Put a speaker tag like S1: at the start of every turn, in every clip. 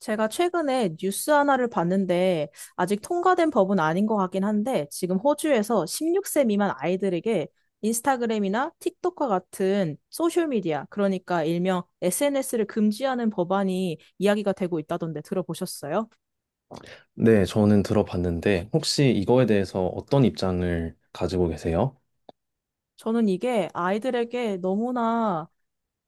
S1: 제가 최근에 뉴스 하나를 봤는데 아직 통과된 법은 아닌 것 같긴 한데, 지금 호주에서 16세 미만 아이들에게 인스타그램이나 틱톡과 같은 소셜미디어, 그러니까 일명 SNS를 금지하는 법안이 이야기가 되고 있다던데 들어보셨어요?
S2: 네, 저는 들어봤는데 혹시 이거에 대해서 어떤 입장을 가지고 계세요?
S1: 저는 이게 아이들에게 너무나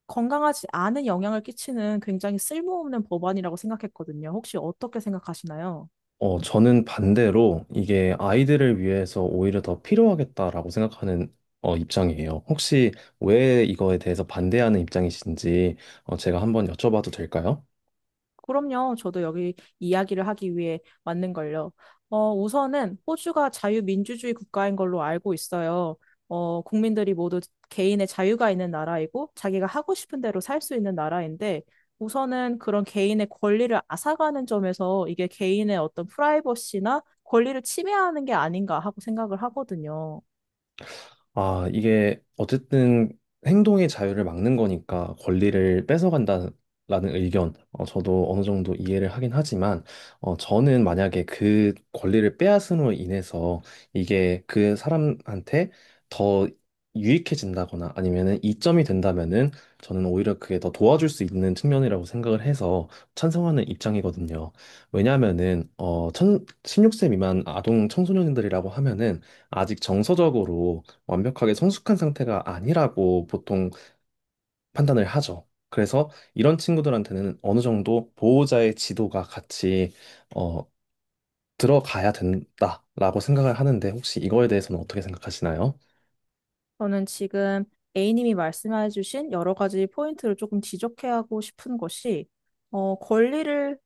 S1: 건강하지 않은 영향을 끼치는 굉장히 쓸모없는 법안이라고 생각했거든요. 혹시 어떻게 생각하시나요?
S2: 저는 반대로 이게 아이들을 위해서 오히려 더 필요하겠다라고 생각하는 입장이에요. 혹시 왜 이거에 대해서 반대하는 입장이신지 제가 한번 여쭤봐도 될까요?
S1: 그럼요. 저도 여기 이야기를 하기 위해 왔는걸요. 우선은 호주가 자유민주주의 국가인 걸로 알고 있어요. 국민들이 모두 개인의 자유가 있는 나라이고, 자기가 하고 싶은 대로 살 수 있는 나라인데, 우선은 그런 개인의 권리를 앗아가는 점에서 이게 개인의 어떤 프라이버시나 권리를 침해하는 게 아닌가 하고 생각을 하거든요.
S2: 아, 이게 어쨌든 행동의 자유를 막는 거니까 권리를 뺏어간다는 의견, 저도 어느 정도 이해를 하긴 하지만, 저는 만약에 그 권리를 빼앗음으로 인해서 이게 그 사람한테 더 유익해진다거나 아니면은 이점이 된다면은 저는 오히려 그게 더 도와줄 수 있는 측면이라고 생각을 해서 찬성하는 입장이거든요. 왜냐하면은, 16세 미만 아동 청소년들이라고 하면은 아직 정서적으로 완벽하게 성숙한 상태가 아니라고 보통 판단을 하죠. 그래서 이런 친구들한테는 어느 정도 보호자의 지도가 같이 어, 들어가야 된다라고 생각을 하는데 혹시 이거에 대해서는 어떻게 생각하시나요?
S1: 저는 지금 A님이 말씀해주신 여러 가지 포인트를 조금 지적해하고 싶은 것이, 권리를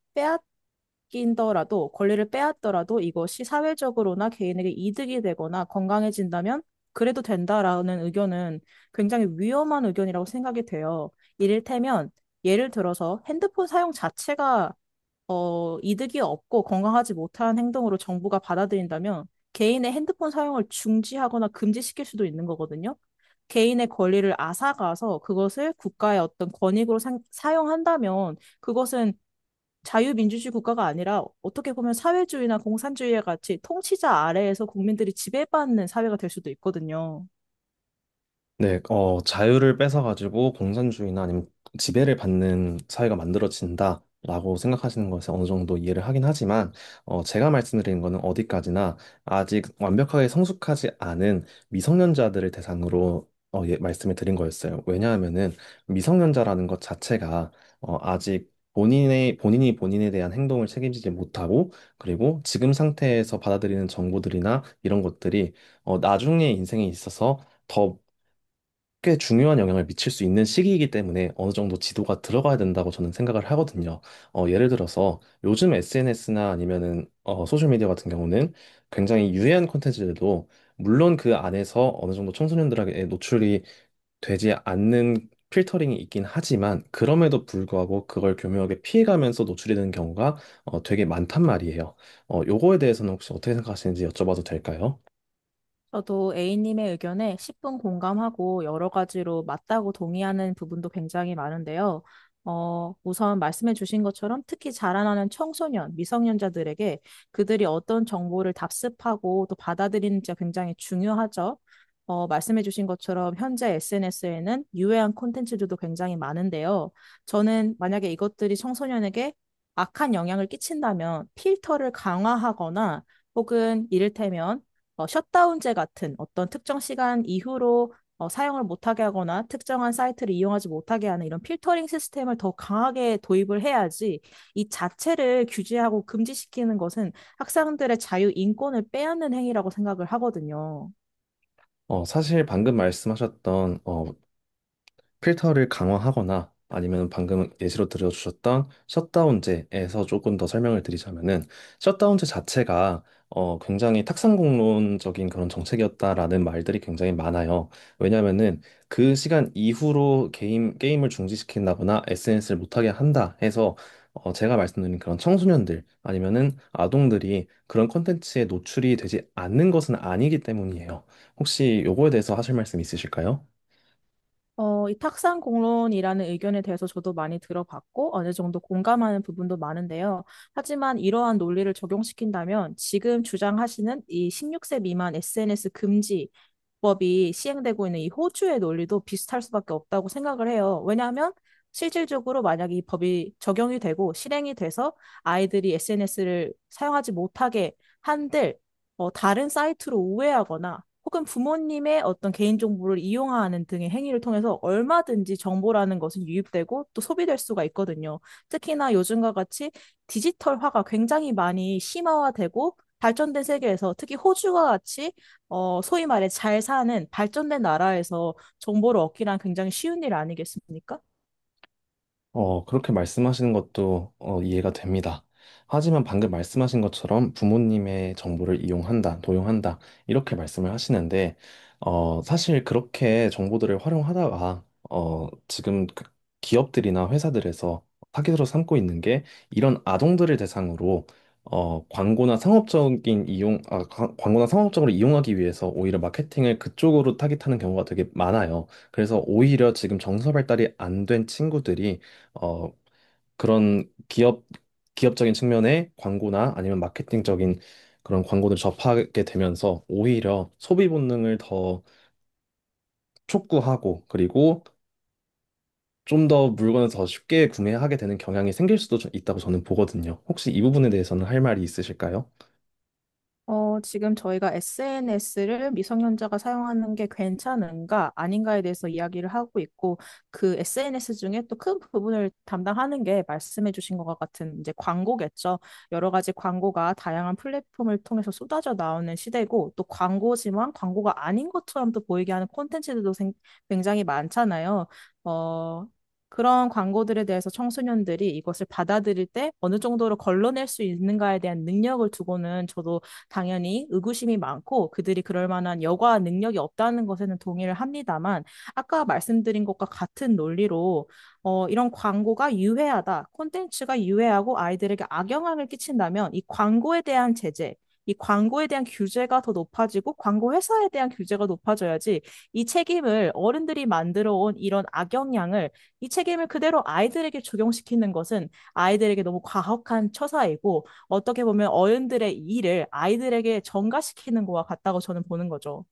S1: 빼앗긴더라도, 권리를 빼앗더라도 이것이 사회적으로나 개인에게 이득이 되거나 건강해진다면 그래도 된다라는 의견은 굉장히 위험한 의견이라고 생각이 돼요. 이를테면, 예를 들어서 핸드폰 사용 자체가 이득이 없고 건강하지 못한 행동으로 정부가 받아들인다면 개인의 핸드폰 사용을 중지하거나 금지시킬 수도 있는 거거든요. 개인의 권리를 앗아가서 그것을 국가의 어떤 권익으로 사용한다면, 그것은 자유민주주의 국가가 아니라 어떻게 보면 사회주의나 공산주의와 같이 통치자 아래에서 국민들이 지배받는 사회가 될 수도 있거든요.
S2: 네, 자유를 뺏어가지고 공산주의나 아니면 지배를 받는 사회가 만들어진다라고 생각하시는 것에 어느 정도 이해를 하긴 하지만, 제가 말씀드린 거는 어디까지나 아직 완벽하게 성숙하지 않은 미성년자들을 대상으로 어, 예, 말씀을 드린 거였어요. 왜냐하면은 미성년자라는 것 자체가 아직 본인이 본인에 대한 행동을 책임지지 못하고, 그리고 지금 상태에서 받아들이는 정보들이나 이런 것들이 나중에 인생에 있어서 더 꽤 중요한 영향을 미칠 수 있는 시기이기 때문에 어느 정도 지도가 들어가야 된다고 저는 생각을 하거든요. 어, 예를 들어서 요즘 SNS나 아니면은 소셜미디어 같은 경우는 굉장히 유해한 콘텐츠들도 물론 그 안에서 어느 정도 청소년들에게 노출이 되지 않는 필터링이 있긴 하지만 그럼에도 불구하고 그걸 교묘하게 피해가면서 노출이 되는 경우가 되게 많단 말이에요. 어, 요거에 대해서는 혹시 어떻게 생각하시는지 여쭤봐도 될까요?
S1: 저도 A님의 의견에 10분 공감하고 여러 가지로 맞다고 동의하는 부분도 굉장히 많은데요. 우선 말씀해 주신 것처럼 특히 자라나는 청소년, 미성년자들에게 그들이 어떤 정보를 답습하고 또 받아들이는지가 굉장히 중요하죠. 말씀해 주신 것처럼 현재 SNS에는 유해한 콘텐츠들도 굉장히 많은데요. 저는 만약에 이것들이 청소년에게 악한 영향을 끼친다면 필터를 강화하거나 혹은 이를테면 셧다운제 같은 어떤 특정 시간 이후로 사용을 못하게 하거나 특정한 사이트를 이용하지 못하게 하는 이런 필터링 시스템을 더 강하게 도입을 해야지, 이 자체를 규제하고 금지시키는 것은 학생들의 자유 인권을 빼앗는 행위라고 생각을 하거든요.
S2: 어, 사실 방금 말씀하셨던 필터를 강화하거나 아니면 방금 예시로 들어주셨던 셧다운제에서 조금 더 설명을 드리자면은 셧다운제 자체가 굉장히 탁상공론적인 그런 정책이었다라는 말들이 굉장히 많아요. 왜냐면은 그 시간 이후로 게임을 중지시킨다거나 SNS를 못하게 한다 해서 제가 말씀드린 그런 청소년들 아니면은 아동들이 그런 콘텐츠에 노출이 되지 않는 것은 아니기 때문이에요. 혹시 요거에 대해서 하실 말씀 있으실까요?
S1: 이 탁상 공론이라는 의견에 대해서 저도 많이 들어봤고 어느 정도 공감하는 부분도 많은데요. 하지만 이러한 논리를 적용시킨다면 지금 주장하시는 이 16세 미만 SNS 금지 법이 시행되고 있는 이 호주의 논리도 비슷할 수밖에 없다고 생각을 해요. 왜냐하면 실질적으로 만약에 이 법이 적용이 되고 실행이 돼서 아이들이 SNS를 사용하지 못하게 한들 다른 사이트로 우회하거나 혹은 부모님의 어떤 개인정보를 이용하는 등의 행위를 통해서 얼마든지 정보라는 것은 유입되고 또 소비될 수가 있거든요. 특히나 요즘과 같이 디지털화가 굉장히 많이 심화화되고 발전된 세계에서, 특히 호주와 같이 소위 말해 잘 사는 발전된 나라에서 정보를 얻기란 굉장히 쉬운 일 아니겠습니까?
S2: 어, 그렇게 말씀하시는 것도 어, 이해가 됩니다. 하지만 방금 말씀하신 것처럼 부모님의 정보를 이용한다, 도용한다, 이렇게 말씀을 하시는데, 어, 사실 그렇게 정보들을 활용하다가, 지금 그 기업들이나 회사들에서 타깃으로 삼고 있는 게 이런 아동들을 대상으로 어, 광고나 상업적인 이용, 광고나 상업적으로 이용하기 위해서 오히려 마케팅을 그쪽으로 타깃하는 경우가 되게 많아요. 그래서 오히려 지금 정서 발달이 안 된 친구들이 어, 그런 기업적인 측면의 광고나 아니면 마케팅적인 그런 광고를 접하게 되면서 오히려 소비 본능을 더 촉구하고 그리고 좀 더 물건을 더 쉽게 구매하게 되는 경향이 생길 수도 좀 있다고 저는 보거든요. 혹시 이 부분에 대해서는 할 말이 있으실까요?
S1: 지금 저희가 SNS를 미성년자가 사용하는 게 괜찮은가, 아닌가에 대해서 이야기를 하고 있고, 그 SNS 중에 또 큰 부분을 담당하는 게 말씀해 주신 것과 같은 이제 광고겠죠. 여러 가지 광고가 다양한 플랫폼을 통해서 쏟아져 나오는 시대고, 또 광고지만 광고가 아닌 것처럼 또 보이게 하는 콘텐츠들도 굉장히 많잖아요. 어, 그런 광고들에 대해서 청소년들이 이것을 받아들일 때 어느 정도로 걸러낼 수 있는가에 대한 능력을 두고는 저도 당연히 의구심이 많고, 그들이 그럴 만한 여과 능력이 없다는 것에는 동의를 합니다만, 아까 말씀드린 것과 같은 논리로 이런 광고가 유해하다, 콘텐츠가 유해하고 아이들에게 악영향을 끼친다면 이 광고에 대한 제재, 이 광고에 대한 규제가 더 높아지고 광고 회사에 대한 규제가 높아져야지, 이 책임을 어른들이 만들어 온 이런 악영향을, 이 책임을 그대로 아이들에게 적용시키는 것은 아이들에게 너무 과혹한 처사이고, 어떻게 보면 어른들의 일을 아이들에게 전가시키는 거와 같다고 저는 보는 거죠.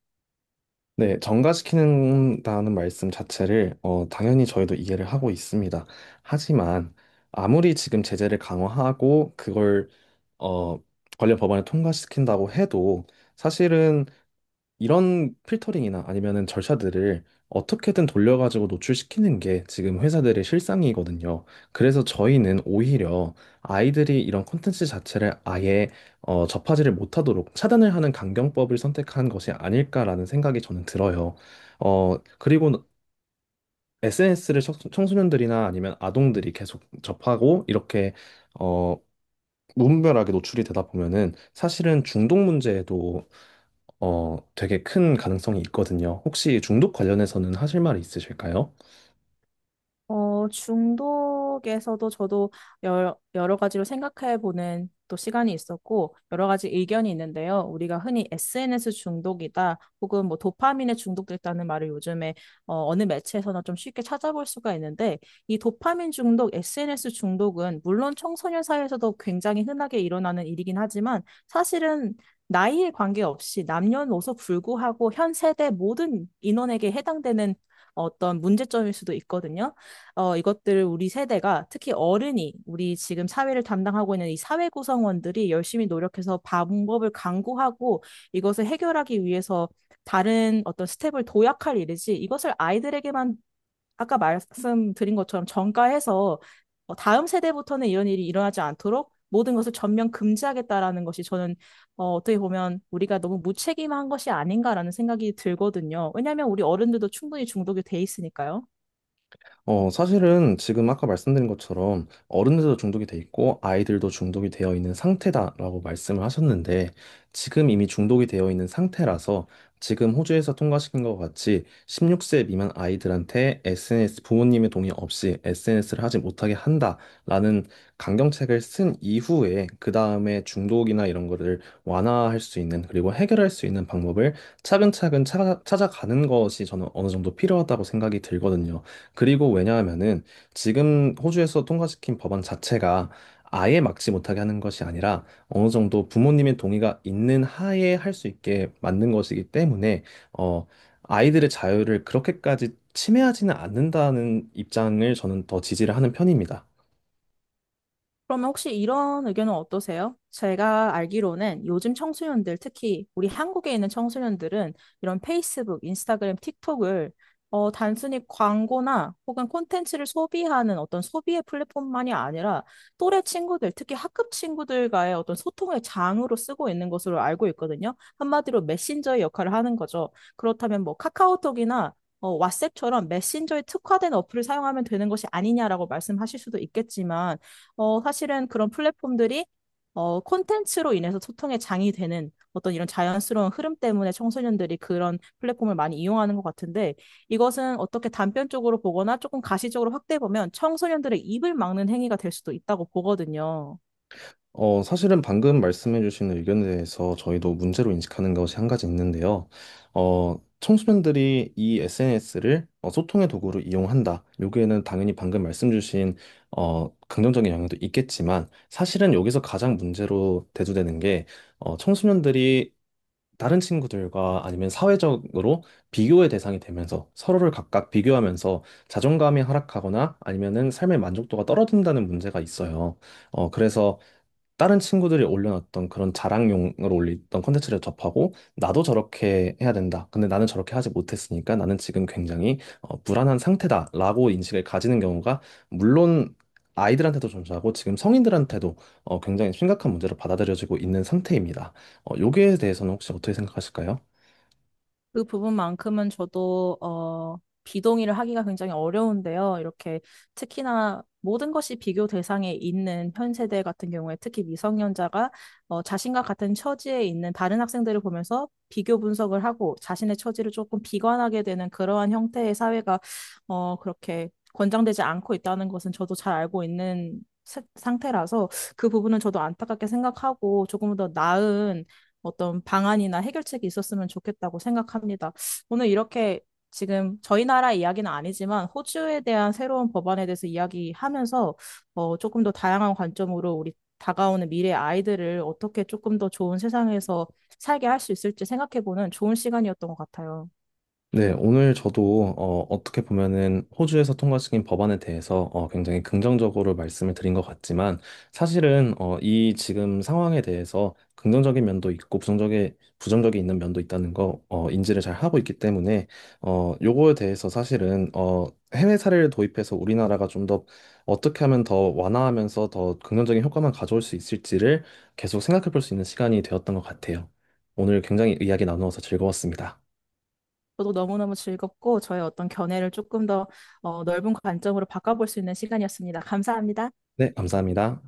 S2: 네, 정가시키는다는 말씀 자체를 당연히 저희도 이해를 하고 있습니다. 하지만 아무리 지금 제재를 강화하고 그걸 어, 관련 법안을 통과시킨다고 해도 사실은 이런 필터링이나 아니면은 절차들을 어떻게든 돌려가지고 노출시키는 게 지금 회사들의 실상이거든요. 그래서 저희는 오히려 아이들이 이런 콘텐츠 자체를 아예 접하지를 못하도록 차단을 하는 강경법을 선택한 것이 아닐까라는 생각이 저는 들어요. 어, 그리고 SNS를 청소년들이나 아니면 아동들이 계속 접하고 이렇게 어, 무분별하게 노출이 되다 보면은 사실은 중독 문제에도 되게 큰 가능성이 있거든요. 혹시 중독 관련해서는 하실 말이 있으실까요?
S1: 중독에서도 저도 여러 가지로 생각해보는 또 시간이 있었고, 여러 가지 의견이 있는데요. 우리가 흔히 SNS 중독이다, 혹은 뭐 도파민에 중독됐다는 말을 요즘에 어느 매체에서나 좀 쉽게 찾아볼 수가 있는데, 이 도파민 중독, SNS 중독은 물론 청소년 사이에서도 굉장히 흔하게 일어나는 일이긴 하지만, 사실은 나이에 관계없이 남녀노소 불구하고 현 세대 모든 인원에게 해당되는 어떤 문제점일 수도 있거든요. 이것들을 우리 세대가, 특히 어른이, 우리 지금 사회를 담당하고 있는 이 사회 구성원들이 열심히 노력해서 방법을 강구하고 이것을 해결하기 위해서 다른 어떤 스텝을 도약할 일이지, 이것을 아이들에게만 아까 말씀드린 것처럼 전가해서 다음 세대부터는 이런 일이 일어나지 않도록 모든 것을 전면 금지하겠다라는 것이, 저는 어떻게 보면 우리가 너무 무책임한 것이 아닌가라는 생각이 들거든요. 왜냐하면 우리 어른들도 충분히 중독이 돼 있으니까요.
S2: 어, 사실은 지금 아까 말씀드린 것처럼 어른들도 중독이 돼 있고 아이들도 중독이 되어 있는 상태다라고 말씀을 하셨는데 지금 이미 중독이 되어 있는 상태라서 지금 호주에서 통과시킨 것 같이 16세 미만 아이들한테 SNS 부모님의 동의 없이 SNS를 하지 못하게 한다라는 강경책을 쓴 이후에 그 다음에 중독이나 이런 거를 완화할 수 있는 그리고 해결할 수 있는 방법을 차근차근 찾아가는 것이 저는 어느 정도 필요하다고 생각이 들거든요. 그리고 왜냐하면은 지금 호주에서 통과시킨 법안 자체가 아예 막지 못하게 하는 것이 아니라 어느 정도 부모님의 동의가 있는 하에 할 수 있게 만든 것이기 때문에 어 아이들의 자유를 그렇게까지 침해하지는 않는다는 입장을 저는 더 지지를 하는 편입니다.
S1: 그러면 혹시 이런 의견은 어떠세요? 제가 알기로는 요즘 청소년들, 특히 우리 한국에 있는 청소년들은 이런 페이스북, 인스타그램, 틱톡을 단순히 광고나 혹은 콘텐츠를 소비하는 어떤 소비의 플랫폼만이 아니라 또래 친구들, 특히 학급 친구들과의 어떤 소통의 장으로 쓰고 있는 것으로 알고 있거든요. 한마디로 메신저의 역할을 하는 거죠. 그렇다면 뭐 카카오톡이나 왓츠앱처럼 메신저에 특화된 어플을 사용하면 되는 것이 아니냐라고 말씀하실 수도 있겠지만 사실은 그런 플랫폼들이 콘텐츠로 인해서 소통의 장이 되는 어떤 이런 자연스러운 흐름 때문에 청소년들이 그런 플랫폼을 많이 이용하는 것 같은데, 이것은 어떻게 단편적으로 보거나 조금 가시적으로 확대해 보면 청소년들의 입을 막는 행위가 될 수도 있다고 보거든요.
S2: 어, 사실은 방금 말씀해주신 의견에 대해서 저희도 문제로 인식하는 것이 한 가지 있는데요. 어, 청소년들이 이 SNS를 소통의 도구로 이용한다. 여기에는 당연히 방금 말씀 주신 긍정적인 영향도 있겠지만 사실은 여기서 가장 문제로 대두되는 게 청소년들이 다른 친구들과 아니면 사회적으로 비교의 대상이 되면서 서로를 각각 비교하면서 자존감이 하락하거나 아니면은 삶의 만족도가 떨어진다는 문제가 있어요. 어, 그래서 다른 친구들이 올려놨던 그런 자랑용으로 올렸던 콘텐츠를 접하고 나도 저렇게 해야 된다. 근데 나는 저렇게 하지 못했으니까 나는 지금 굉장히 어, 불안한 상태다라고 인식을 가지는 경우가 물론 아이들한테도 존재하고 지금 성인들한테도 굉장히 심각한 문제로 받아들여지고 있는 상태입니다. 어, 여기에 대해서는 혹시 어떻게 생각하실까요?
S1: 그 부분만큼은 저도 비동의를 하기가 굉장히 어려운데요. 이렇게 특히나 모든 것이 비교 대상에 있는 현 세대 같은 경우에, 특히 미성년자가 자신과 같은 처지에 있는 다른 학생들을 보면서 비교 분석을 하고 자신의 처지를 조금 비관하게 되는, 그러한 형태의 사회가 그렇게 권장되지 않고 있다는 것은 저도 잘 알고 있는 상태라서, 그 부분은 저도 안타깝게 생각하고 조금 더 나은 어떤 방안이나 해결책이 있었으면 좋겠다고 생각합니다. 오늘 이렇게 지금 저희 나라 이야기는 아니지만 호주에 대한 새로운 법안에 대해서 이야기하면서 조금 더 다양한 관점으로 우리 다가오는 미래 아이들을 어떻게 조금 더 좋은 세상에서 살게 할 수 있을지 생각해보는 좋은 시간이었던 것 같아요.
S2: 네, 오늘 저도 어, 어떻게 보면은 호주에서 통과시킨 법안에 대해서 굉장히 긍정적으로 말씀을 드린 것 같지만 사실은 이 지금 상황에 대해서 긍정적인 면도 있고 부정적인 있는 면도 있다는 거 인지를 잘 하고 있기 때문에 어, 요거에 대해서 사실은 해외 사례를 도입해서 우리나라가 좀 더 어떻게 하면 더 완화하면서 더 긍정적인 효과만 가져올 수 있을지를 계속 생각해 볼 수 있는 시간이 되었던 것 같아요. 오늘 굉장히 이야기 나누어서 즐거웠습니다.
S1: 저도 너무너무 즐겁고 저의 어떤 견해를 조금 더 넓은 관점으로 바꿔볼 수 있는 시간이었습니다. 감사합니다.
S2: 네, 감사합니다.